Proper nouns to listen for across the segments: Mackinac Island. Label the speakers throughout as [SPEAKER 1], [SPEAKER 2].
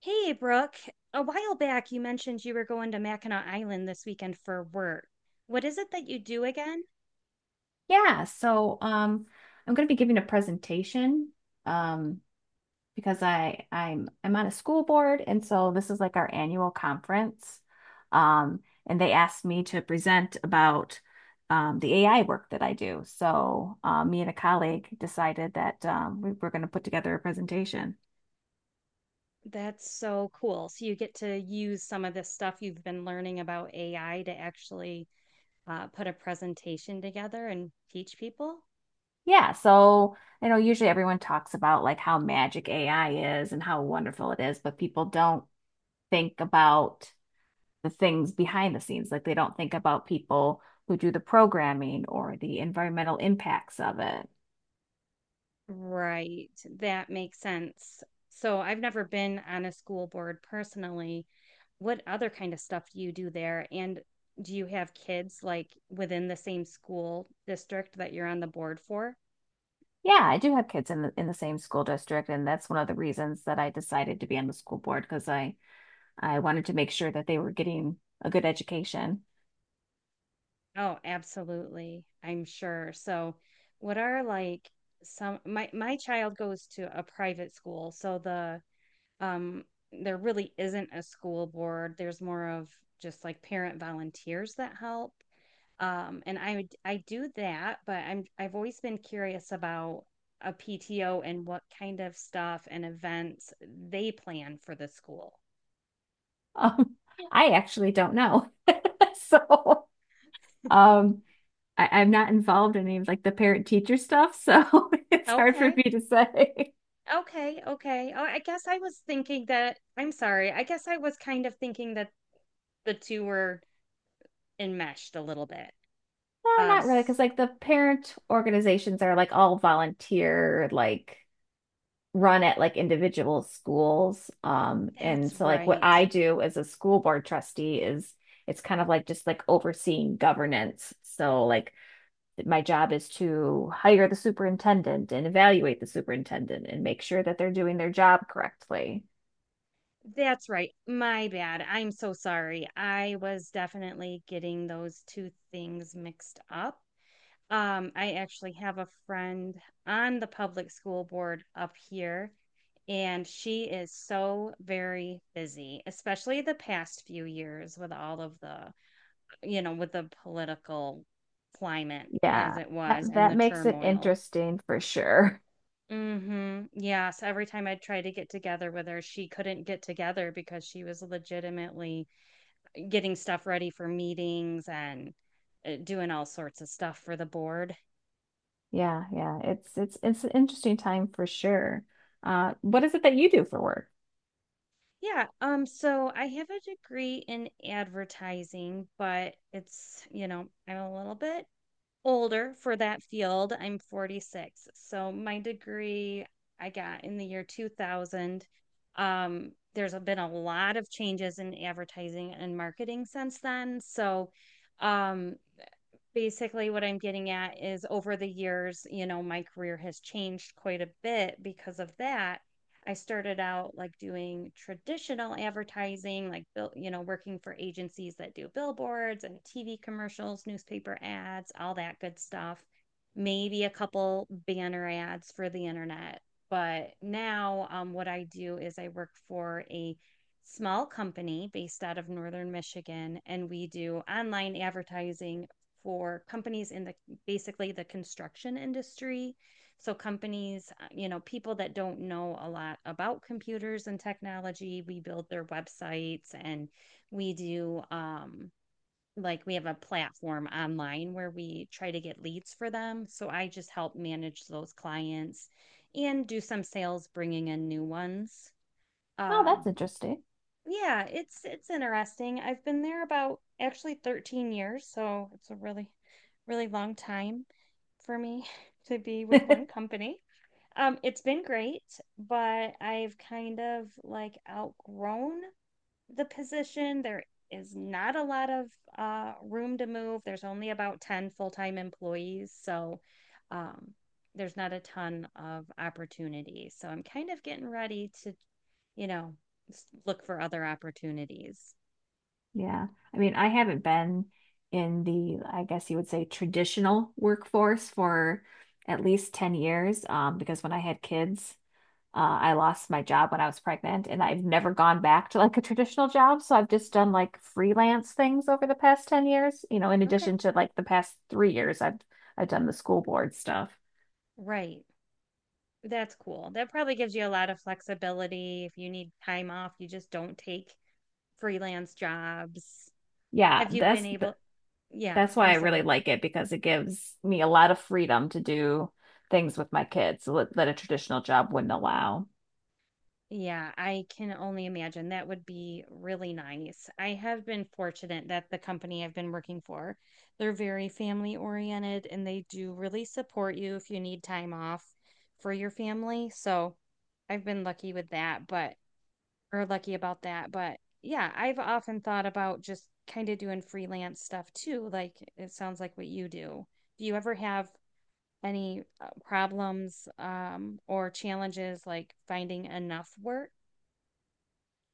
[SPEAKER 1] Hey, Brooke. A while back, you mentioned you were going to Mackinac Island this weekend for work. What is it that you do again?
[SPEAKER 2] Yeah, I'm going to be giving a presentation um, because I'm on a school board, and so this is like our annual conference. um, and they asked me to present about the AI work that I do. So me and a colleague decided that we were going to put together a presentation.
[SPEAKER 1] That's so cool. So you get to use some of this stuff you've been learning about AI to actually put a presentation together and teach people?
[SPEAKER 2] Yeah, so I know usually everyone talks about like how magic AI is and how wonderful it is, but people don't think about the things behind the scenes. Like they don't think about people who do the programming or the environmental impacts of it.
[SPEAKER 1] Right. That makes sense. So I've never been on a school board personally. What other kind of stuff do you do there? And do you have kids like within the same school district that you're on the board for?
[SPEAKER 2] Yeah, I do have kids in the same school district, and that's one of the reasons that I decided to be on the school board because I wanted to make sure that they were getting a good education.
[SPEAKER 1] Oh, absolutely. I'm sure. So, what are like some my child goes to a private school, so the um there really isn't a school board. There's more of just like parent volunteers that help. I do that, but I've always been curious about a PTO and what kind of stuff and events they plan for the school.
[SPEAKER 2] Um, I actually don't know. so um, I'm not involved in any of like the parent teacher stuff, so it's hard for
[SPEAKER 1] Okay.
[SPEAKER 2] me to say.
[SPEAKER 1] Okay. Oh, I guess I was thinking that, I'm sorry. I guess I was kind of thinking that the two were enmeshed a little bit.
[SPEAKER 2] No,
[SPEAKER 1] Um,
[SPEAKER 2] not really, because
[SPEAKER 1] s-
[SPEAKER 2] like the parent organizations are like all volunteer, like run at like individual schools. And
[SPEAKER 1] that's
[SPEAKER 2] so like what
[SPEAKER 1] right.
[SPEAKER 2] I do as a school board trustee is it's kind of like just like overseeing governance. So like my job is to hire the superintendent and evaluate the superintendent and make sure that they're doing their job correctly.
[SPEAKER 1] That's right. My bad. I'm so sorry. I was definitely getting those two things mixed up. I actually have a friend on the public school board up here, and she is so very busy, especially the past few years with all of the with the political climate as
[SPEAKER 2] Yeah,
[SPEAKER 1] it was and
[SPEAKER 2] that
[SPEAKER 1] the
[SPEAKER 2] makes it
[SPEAKER 1] turmoil.
[SPEAKER 2] interesting for sure.
[SPEAKER 1] Mm-hmm. Yes. Every time I tried to get together with her, she couldn't get together because she was legitimately getting stuff ready for meetings and doing all sorts of stuff for the board.
[SPEAKER 2] Yeah, yeah. It's an interesting time for sure. What is it that you do for work?
[SPEAKER 1] Yeah. So I have a degree in advertising, but it's, you know, I'm a little bit older for that field. I'm 46. So my degree I got in the year 2000. There's been a lot of changes in advertising and marketing since then. So um, basically what I'm getting at is over the years, you know, my career has changed quite a bit because of that. I started out like doing traditional advertising, like you know, working for agencies that do billboards and TV commercials, newspaper ads, all that good stuff. Maybe a couple banner ads for the internet. But now, what I do is I work for a small company based out of Northern Michigan, and we do online advertising for companies in the basically the construction industry. So companies, you know, people that don't know a lot about computers and technology, we build their websites and we do like we have a platform online where we try to get leads for them. So I just help manage those clients and do some sales bringing in new ones.
[SPEAKER 2] Oh,
[SPEAKER 1] Um
[SPEAKER 2] that's interesting.
[SPEAKER 1] yeah, it's interesting. I've been there about actually 13 years, so it's a really, really long time for me to be with one company. It's been great, but I've kind of like outgrown the position. There is not a lot of room to move. There's only about 10 full time employees. So um, there's not a ton of opportunity. So I'm kind of getting ready to, you know, look for other opportunities.
[SPEAKER 2] Yeah, I mean, I haven't been in the, I guess you would say, traditional workforce for at least 10 years, because when I had kids, I lost my job when I was pregnant, and I've never gone back to like a traditional job. So I've just done like freelance things over the past 10 years, you know, in
[SPEAKER 1] Okay.
[SPEAKER 2] addition to like the past 3 years, I've done the school board stuff.
[SPEAKER 1] Right. That's cool. That probably gives you a lot of flexibility. If you need time off, you just don't take freelance jobs.
[SPEAKER 2] Yeah,
[SPEAKER 1] Have you been
[SPEAKER 2] that's
[SPEAKER 1] able? Yeah,
[SPEAKER 2] That's why
[SPEAKER 1] I'm
[SPEAKER 2] I really
[SPEAKER 1] sorry.
[SPEAKER 2] like it because it gives me a lot of freedom to do things with my kids that a traditional job wouldn't allow.
[SPEAKER 1] Yeah, I can only imagine. That would be really nice. I have been fortunate that the company I've been working for, they're very family oriented and they do really support you if you need time off for your family. So I've been lucky with that, but or lucky about that. But yeah, I've often thought about just kind of doing freelance stuff too. Like it sounds like what you do. Do you ever have any problems or challenges like finding enough work?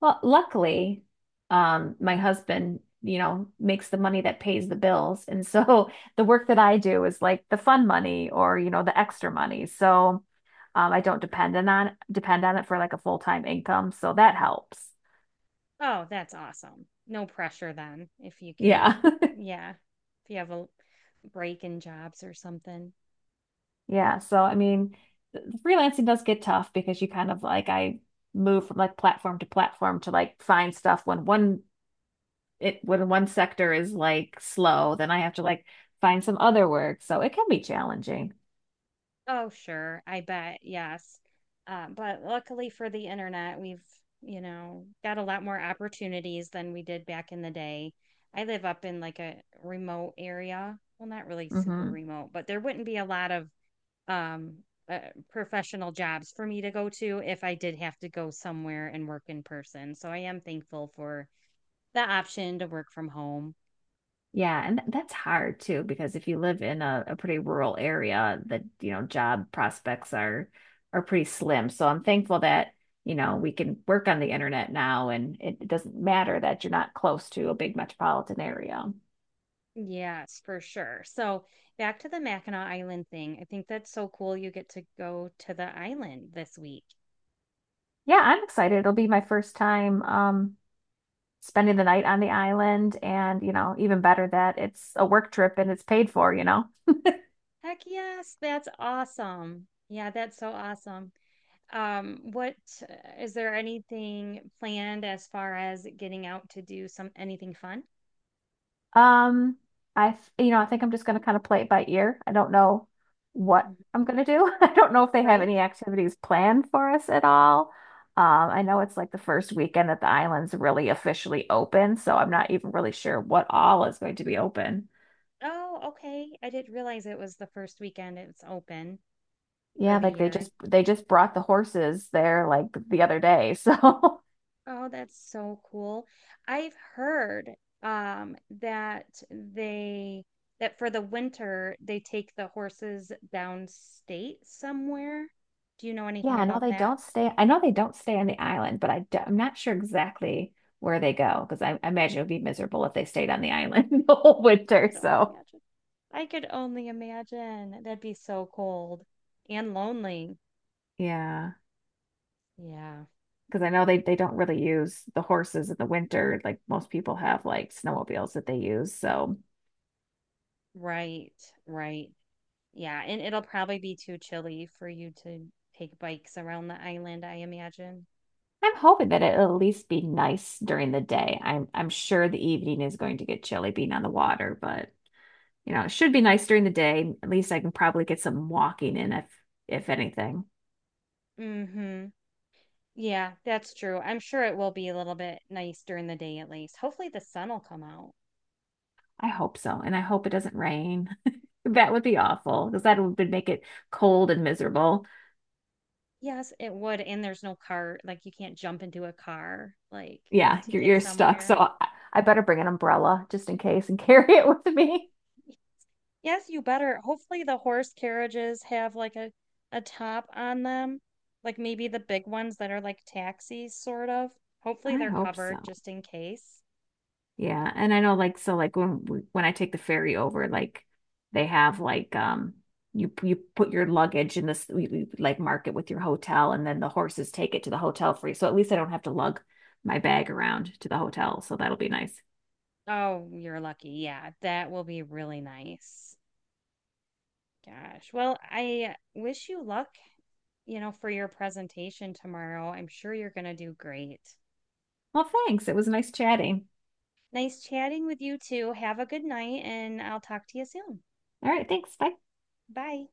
[SPEAKER 2] Well, luckily, my husband, you know, makes the money that pays the bills. And so the work that I do is like the fun money or, you know, the extra money. So I don't depend on it for like a full-time income. So that helps.
[SPEAKER 1] Oh, that's awesome. No pressure then if you can't.
[SPEAKER 2] Yeah.
[SPEAKER 1] Yeah. If you have a break in jobs or something.
[SPEAKER 2] Yeah, so I mean, freelancing does get tough because you kind of like I move from like platform to platform to like find stuff when one it when one sector is like slow, then I have to like find some other work. So it can be challenging.
[SPEAKER 1] Oh, sure. I bet. Yes. But luckily for the internet, we've, you know, got a lot more opportunities than we did back in the day. I live up in like a remote area. Well, not really super
[SPEAKER 2] hmm
[SPEAKER 1] remote, but there wouldn't be a lot of um, uh, professional jobs for me to go to if I did have to go somewhere and work in person. So I am thankful for the option to work from home.
[SPEAKER 2] Yeah, and that's hard too because if you live in a pretty rural area, the you know job prospects are pretty slim. So I'm thankful that you know we can work on the internet now, and it doesn't matter that you're not close to a big metropolitan area.
[SPEAKER 1] Yes, for sure. So back to the Mackinac Island thing. I think that's so cool. You get to go to the island this week.
[SPEAKER 2] Yeah, I'm excited. It'll be my first time spending the night on the island and, you know, even better that it's a work trip and it's paid for, you know.
[SPEAKER 1] Heck yes, that's awesome. Yeah, that's so awesome. What is there anything planned as far as getting out to do some anything fun?
[SPEAKER 2] Um you know, I think I'm just going to kind of play it by ear. I don't know what
[SPEAKER 1] Mhm.
[SPEAKER 2] I'm going to do. I don't know if they have
[SPEAKER 1] Right?
[SPEAKER 2] any activities planned for us at all. Um I know it's like the first weekend that the island's really officially open, so I'm not even really sure what all is going to be open.
[SPEAKER 1] Oh, okay. I didn't realize it was the first weekend it's open for
[SPEAKER 2] Yeah,
[SPEAKER 1] the
[SPEAKER 2] like
[SPEAKER 1] year.
[SPEAKER 2] they just brought the horses there like the other day, so
[SPEAKER 1] Oh, that's so cool. I've heard that they that for the winter they take the horses downstate somewhere. Do you know
[SPEAKER 2] Yeah,
[SPEAKER 1] anything
[SPEAKER 2] I know
[SPEAKER 1] about
[SPEAKER 2] they
[SPEAKER 1] that?
[SPEAKER 2] don't stay. I know they don't stay on the island, but I'm not sure exactly where they go because I imagine it would be miserable if they stayed on the island the whole winter.
[SPEAKER 1] I could only
[SPEAKER 2] So
[SPEAKER 1] imagine. I could only imagine. That'd be so cold and lonely.
[SPEAKER 2] yeah,
[SPEAKER 1] Yeah,
[SPEAKER 2] because I know they don't really use the horses in the winter. Like most people have like snowmobiles that they use. So
[SPEAKER 1] right, right. Yeah, and it'll probably be too chilly for you to take bikes around the island, I imagine.
[SPEAKER 2] I'm hoping that it'll at least be nice during the day. I'm sure the evening is going to get chilly being on the water, but you know, it should be nice during the day. At least I can probably get some walking in if anything.
[SPEAKER 1] Mm-hmm. Yeah, that's true. I'm sure it will be a little bit nice during the day at least. Hopefully the sun will come out.
[SPEAKER 2] I hope so. And I hope it doesn't rain. That would be awful because that would make it cold and miserable.
[SPEAKER 1] Yes, it would. And there's no car, like you can't jump into a car like
[SPEAKER 2] Yeah,
[SPEAKER 1] to get
[SPEAKER 2] you're stuck. So
[SPEAKER 1] somewhere.
[SPEAKER 2] I, I better bring an umbrella just in case and carry it with me.
[SPEAKER 1] Yes, you better. Hopefully the horse carriages have like a top on them. Like maybe the big ones that are like taxis sort of. Hopefully
[SPEAKER 2] I
[SPEAKER 1] they're
[SPEAKER 2] hope
[SPEAKER 1] covered
[SPEAKER 2] so.
[SPEAKER 1] just in case.
[SPEAKER 2] Yeah, and I know like when I take the ferry over, like they have like you put your luggage in this like mark it with your hotel and then the horses take it to the hotel for you. So at least I don't have to lug my bag around to the hotel. So that'll be nice.
[SPEAKER 1] Oh, you're lucky. Yeah, that will be really nice. Gosh. Well, I wish you luck you know, for your presentation tomorrow. I'm sure you're going to do great.
[SPEAKER 2] Well, thanks. It was nice chatting.
[SPEAKER 1] Nice chatting with you too. Have a good night, and I'll talk to you soon.
[SPEAKER 2] All right, thanks. Bye.
[SPEAKER 1] Bye.